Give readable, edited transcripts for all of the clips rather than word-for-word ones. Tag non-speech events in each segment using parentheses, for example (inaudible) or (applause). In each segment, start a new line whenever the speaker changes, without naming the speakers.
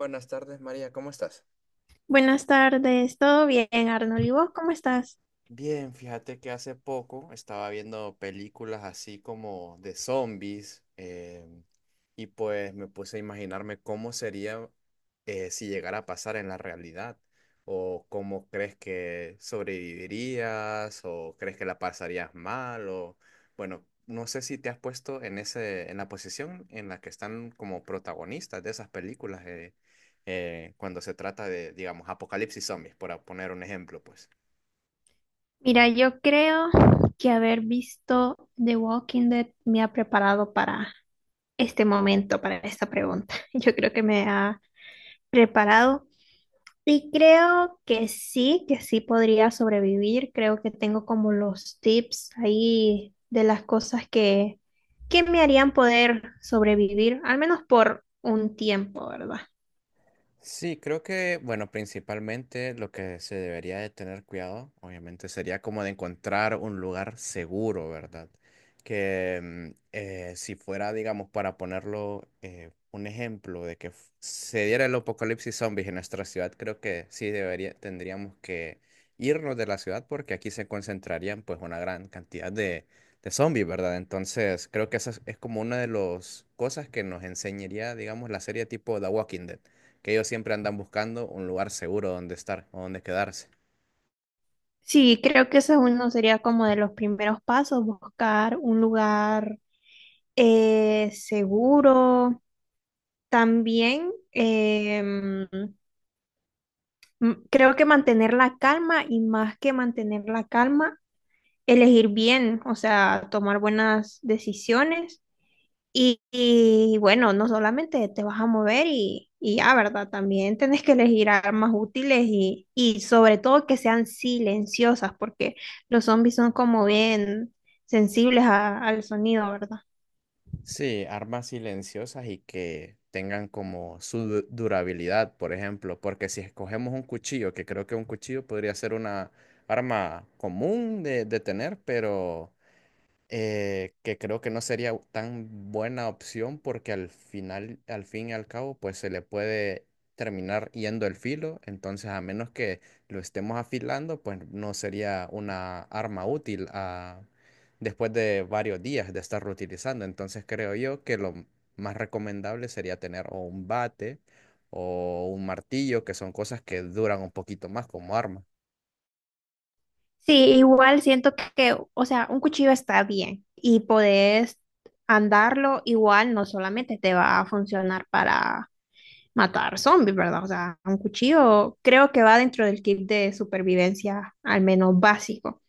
Buenas tardes, María, ¿cómo estás?
Buenas tardes, ¿todo bien, Arnold? ¿Y vos cómo estás?
Bien, fíjate que hace poco estaba viendo películas así como de zombies. Y pues me puse a imaginarme cómo sería si llegara a pasar en la realidad, o cómo crees que sobrevivirías o crees que la pasarías mal. O bueno, no sé si te has puesto en en la posición en la que están como protagonistas de esas películas, cuando se trata de, digamos, apocalipsis zombies, por poner un ejemplo, pues.
Mira, yo creo que haber visto The Walking Dead me ha preparado para este momento, para esta pregunta. (laughs) Yo creo que me ha preparado y creo que sí podría sobrevivir. Creo que tengo como los tips ahí de las cosas que me harían poder sobrevivir, al menos por un tiempo, ¿verdad?
Sí, creo que, bueno, principalmente lo que se debería de tener cuidado, obviamente, sería como de encontrar un lugar seguro, ¿verdad? Que si fuera, digamos, para ponerlo un ejemplo de que se diera el apocalipsis zombies en nuestra ciudad, creo que sí debería, tendríamos que irnos de la ciudad porque aquí se concentrarían pues una gran cantidad de zombies, ¿verdad? Entonces, creo que es como una de las cosas que nos enseñaría, digamos, la serie tipo The Walking Dead, que ellos siempre andan buscando un lugar seguro donde estar o donde quedarse.
Sí, creo que eso es uno sería como de los primeros pasos, buscar un lugar seguro. También creo que mantener la calma y más que mantener la calma, elegir bien, o sea, tomar buenas decisiones. Y bueno, no solamente te vas a mover y ya, ¿verdad? También tenés que elegir armas útiles y sobre todo que sean silenciosas, porque los zombies son como bien sensibles al sonido, ¿verdad?
Sí, armas silenciosas y que tengan como su durabilidad, por ejemplo, porque si escogemos un cuchillo, que creo que un cuchillo podría ser una arma común de tener, pero que creo que no sería tan buena opción porque al final, al fin y al cabo, pues se le puede terminar yendo el filo, entonces a menos que lo estemos afilando, pues no sería una arma útil después de varios días de estarlo utilizando. Entonces creo yo que lo más recomendable sería tener o un bate o un martillo, que son cosas que duran un poquito más como arma.
Sí, igual siento que, o sea, un cuchillo está bien y podés andarlo igual, no solamente te va a funcionar para matar zombies, ¿verdad? O sea, un cuchillo creo que va dentro del kit de supervivencia, al menos básico.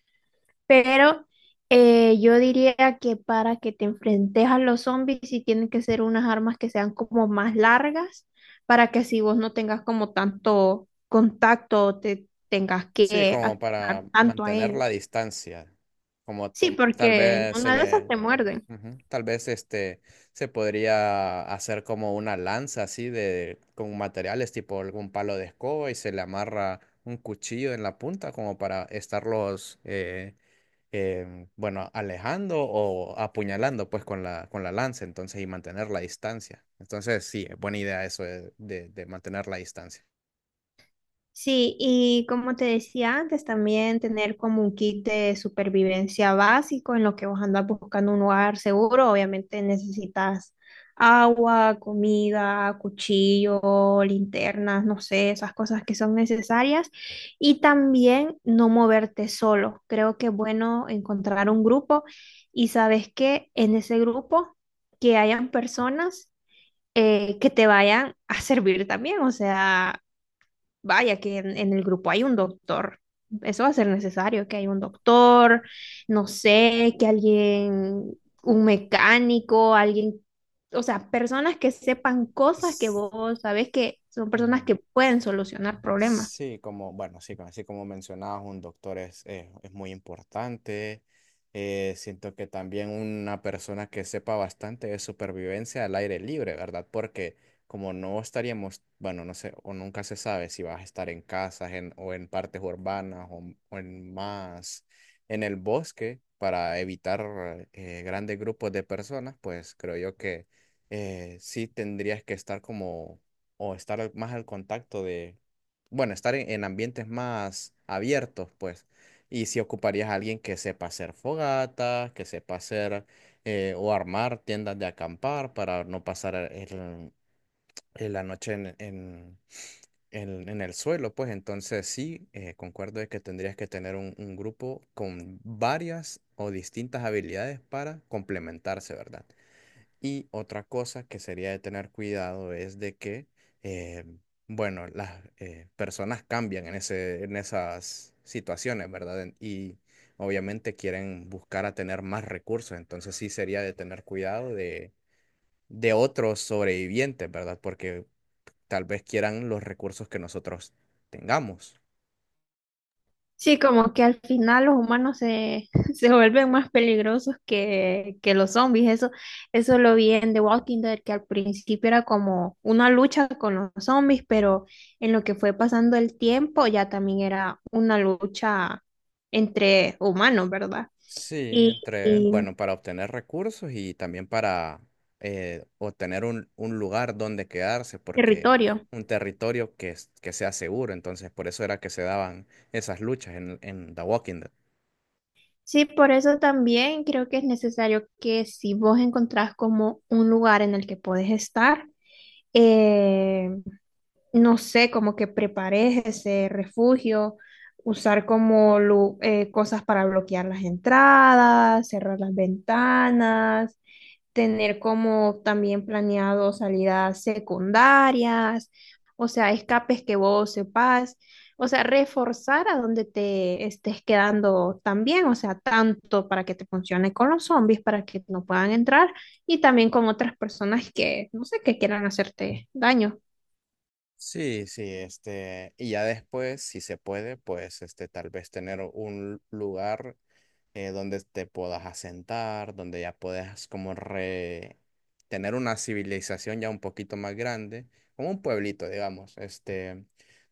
Pero yo diría que para que te enfrentes a los zombies, sí tienen que ser unas armas que sean como más largas, para que así vos no tengas como tanto contacto, o te tengas
Sí,
que
como para
acercar tanto a
mantener la
ellos.
distancia, como
Sí,
tal
porque en
vez se
una de esas
le,
te muerden.
ujú. Tal vez este se podría hacer como una lanza así de con materiales tipo algún palo de escoba y se le amarra un cuchillo en la punta como para estarlos bueno, alejando o apuñalando pues con la lanza, entonces, y mantener la distancia. Entonces sí, buena idea eso de mantener la distancia.
Sí, y como te decía antes, también tener como un kit de supervivencia básico en lo que vos andas buscando un lugar seguro. Obviamente necesitas agua, comida, cuchillo, linternas, no sé, esas cosas que son necesarias. Y también no moverte solo. Creo que es bueno encontrar un grupo y sabes que en ese grupo que hayan personas que te vayan a servir también. O sea, vaya, que en el grupo hay un doctor. Eso va a ser necesario, que haya un doctor, no sé, que alguien, un mecánico, alguien, o sea, personas que sepan cosas que
S-
vos sabés que son personas
Ujú.
que pueden solucionar problemas.
Sí, como, bueno, sí, así como mencionabas, un doctor es muy importante. Siento que también una persona que sepa bastante de supervivencia al aire libre, ¿verdad? Porque como no estaríamos, bueno, no sé, o nunca se sabe si vas a estar en o en partes urbanas, o en más, en el bosque, para evitar grandes grupos de personas, pues creo yo que sí tendrías que estar como o estar más al contacto de, bueno, estar en ambientes más abiertos, pues. Y si ocuparías a alguien que sepa hacer fogatas, que sepa hacer, o armar tiendas de acampar para no pasar la noche en el suelo, pues entonces sí, concuerdo de que tendrías que tener un grupo con varias o distintas habilidades para complementarse, ¿verdad? Y otra cosa que sería de tener cuidado es de que, eh, bueno, las personas cambian en en esas situaciones, ¿verdad? Y obviamente quieren buscar a tener más recursos, entonces sí sería de tener cuidado de otros sobrevivientes, ¿verdad? Porque tal vez quieran los recursos que nosotros tengamos.
Sí, como que al final los humanos se, (laughs) se vuelven más peligrosos que los zombies. Eso lo vi en The Walking Dead, que al principio era como una lucha con los zombies, pero en lo que fue pasando el tiempo ya también era una lucha entre humanos, ¿verdad?
Sí,
Y,
entre,
y
bueno, para obtener recursos y también para obtener un lugar donde quedarse, porque
territorio.
un territorio que sea seguro, entonces por eso era que se daban esas luchas en The Walking Dead.
Sí, por eso también creo que es necesario que si vos encontrás como un lugar en el que podés estar, eh, no sé, como que prepares ese refugio, usar como cosas para bloquear las entradas, cerrar las ventanas, tener como también planeado salidas secundarias, o sea, escapes que vos sepas, o sea, reforzar a donde te estés quedando también, o sea, tanto para que te funcione con los zombies, para que no puedan entrar, y también con otras personas que, no sé, que quieran hacerte daño.
Sí, sí, este, y ya después, si se puede, pues, este, tal vez tener un lugar donde te puedas asentar, donde ya puedas como tener una civilización ya un poquito más grande, como un pueblito, digamos, este,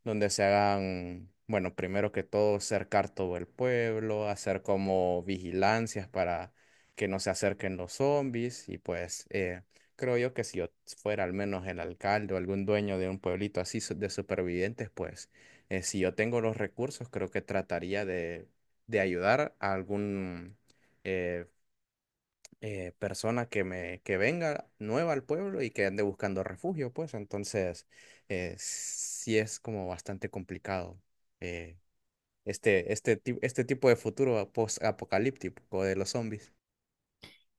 donde se hagan, bueno, primero que todo, cercar todo el pueblo, hacer como vigilancias para que no se acerquen los zombies, y pues creo yo que si yo fuera al menos el alcalde o algún dueño de un pueblito así de supervivientes, pues si yo tengo los recursos, creo que trataría de ayudar a algún eh, persona que me que venga nueva al pueblo y que ande buscando refugio, pues entonces sí es como bastante complicado, eh, este tipo de futuro post-apocalíptico de los zombies.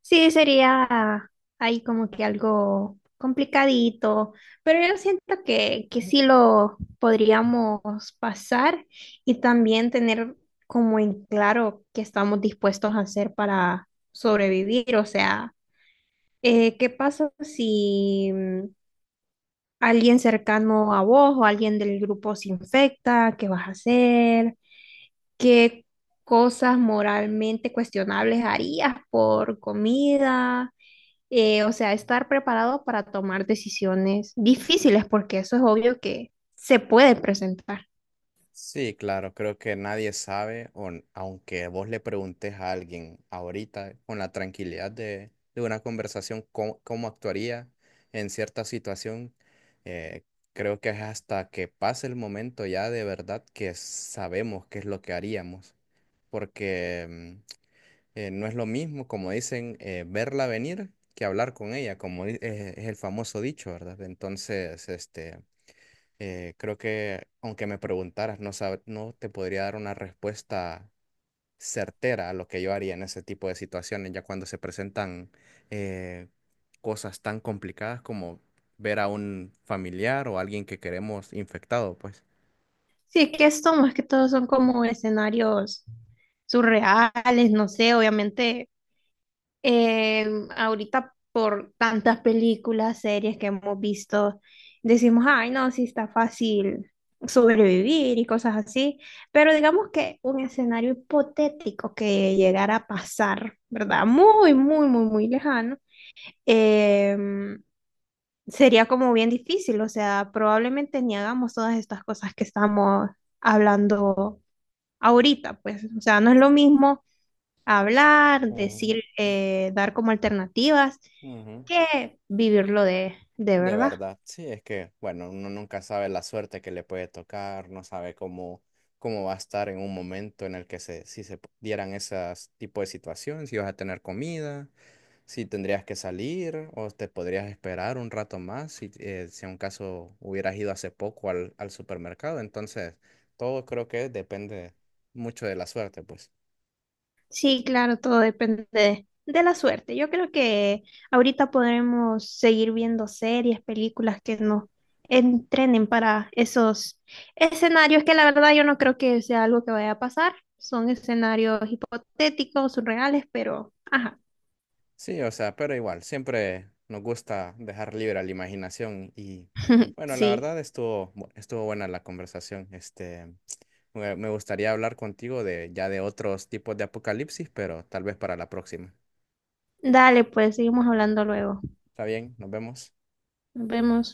Sí, sería ahí como que algo complicadito, pero yo siento que sí lo podríamos pasar y también tener como en claro que estamos dispuestos a hacer para sobrevivir. O sea, ¿qué pasa si alguien cercano a vos o alguien del grupo se infecta? ¿Qué vas a hacer? ¿Qué cosas moralmente cuestionables harías por comida? O sea, estar preparado para tomar decisiones difíciles, porque eso es obvio que se puede presentar.
Sí, claro, creo que nadie sabe, o aunque vos le preguntes a alguien ahorita con la tranquilidad de una conversación cómo, cómo actuaría en cierta situación. eh, Creo que es hasta que pase el momento ya de verdad que sabemos qué es lo que haríamos, porque no es lo mismo, como dicen, verla venir que hablar con ella, como es el famoso dicho, ¿verdad? Entonces, este... Creo que aunque me preguntaras, no no te podría dar una respuesta certera a lo que yo haría en ese tipo de situaciones, ya cuando se presentan eh, cosas tan complicadas como ver a un familiar o alguien que queremos infectado, pues.
Sí, es que esto más que todo son como escenarios surreales, no sé, obviamente, eh, ahorita por tantas películas, series que hemos visto, decimos, ay, no, sí está fácil sobrevivir y cosas así, pero digamos que un escenario hipotético que llegara a pasar, ¿verdad? Muy, muy, muy, muy lejano, em, sería como bien difícil, o sea, probablemente ni hagamos todas estas cosas que estamos hablando ahorita, pues, o sea, no es lo mismo hablar,
Ujú,
decir, dar como alternativas
ujú.
que vivirlo de
De
verdad.
verdad, sí, es que, bueno, uno nunca sabe la suerte que le puede tocar, no sabe cómo, cómo va a estar en un momento en el que si se dieran esas tipo de situaciones, si vas a tener comida, si tendrías que salir o te podrías esperar un rato más si, si en un caso hubieras ido hace poco al supermercado. Entonces, todo creo que depende mucho de la suerte, pues.
Sí, claro, todo depende de la suerte. Yo creo que ahorita podremos seguir viendo series, películas que nos entrenen para esos escenarios que la verdad yo no creo que sea algo que vaya a pasar. Son escenarios hipotéticos, surreales, pero ajá,
Sí, o sea, pero igual, siempre nos gusta dejar libre a la imaginación. Y
(laughs)
bueno, la
sí.
verdad estuvo, estuvo buena la conversación. Este, me gustaría hablar contigo de ya de otros tipos de apocalipsis, pero tal vez para la próxima.
Dale, pues seguimos hablando luego.
Está bien, nos vemos.
Nos vemos.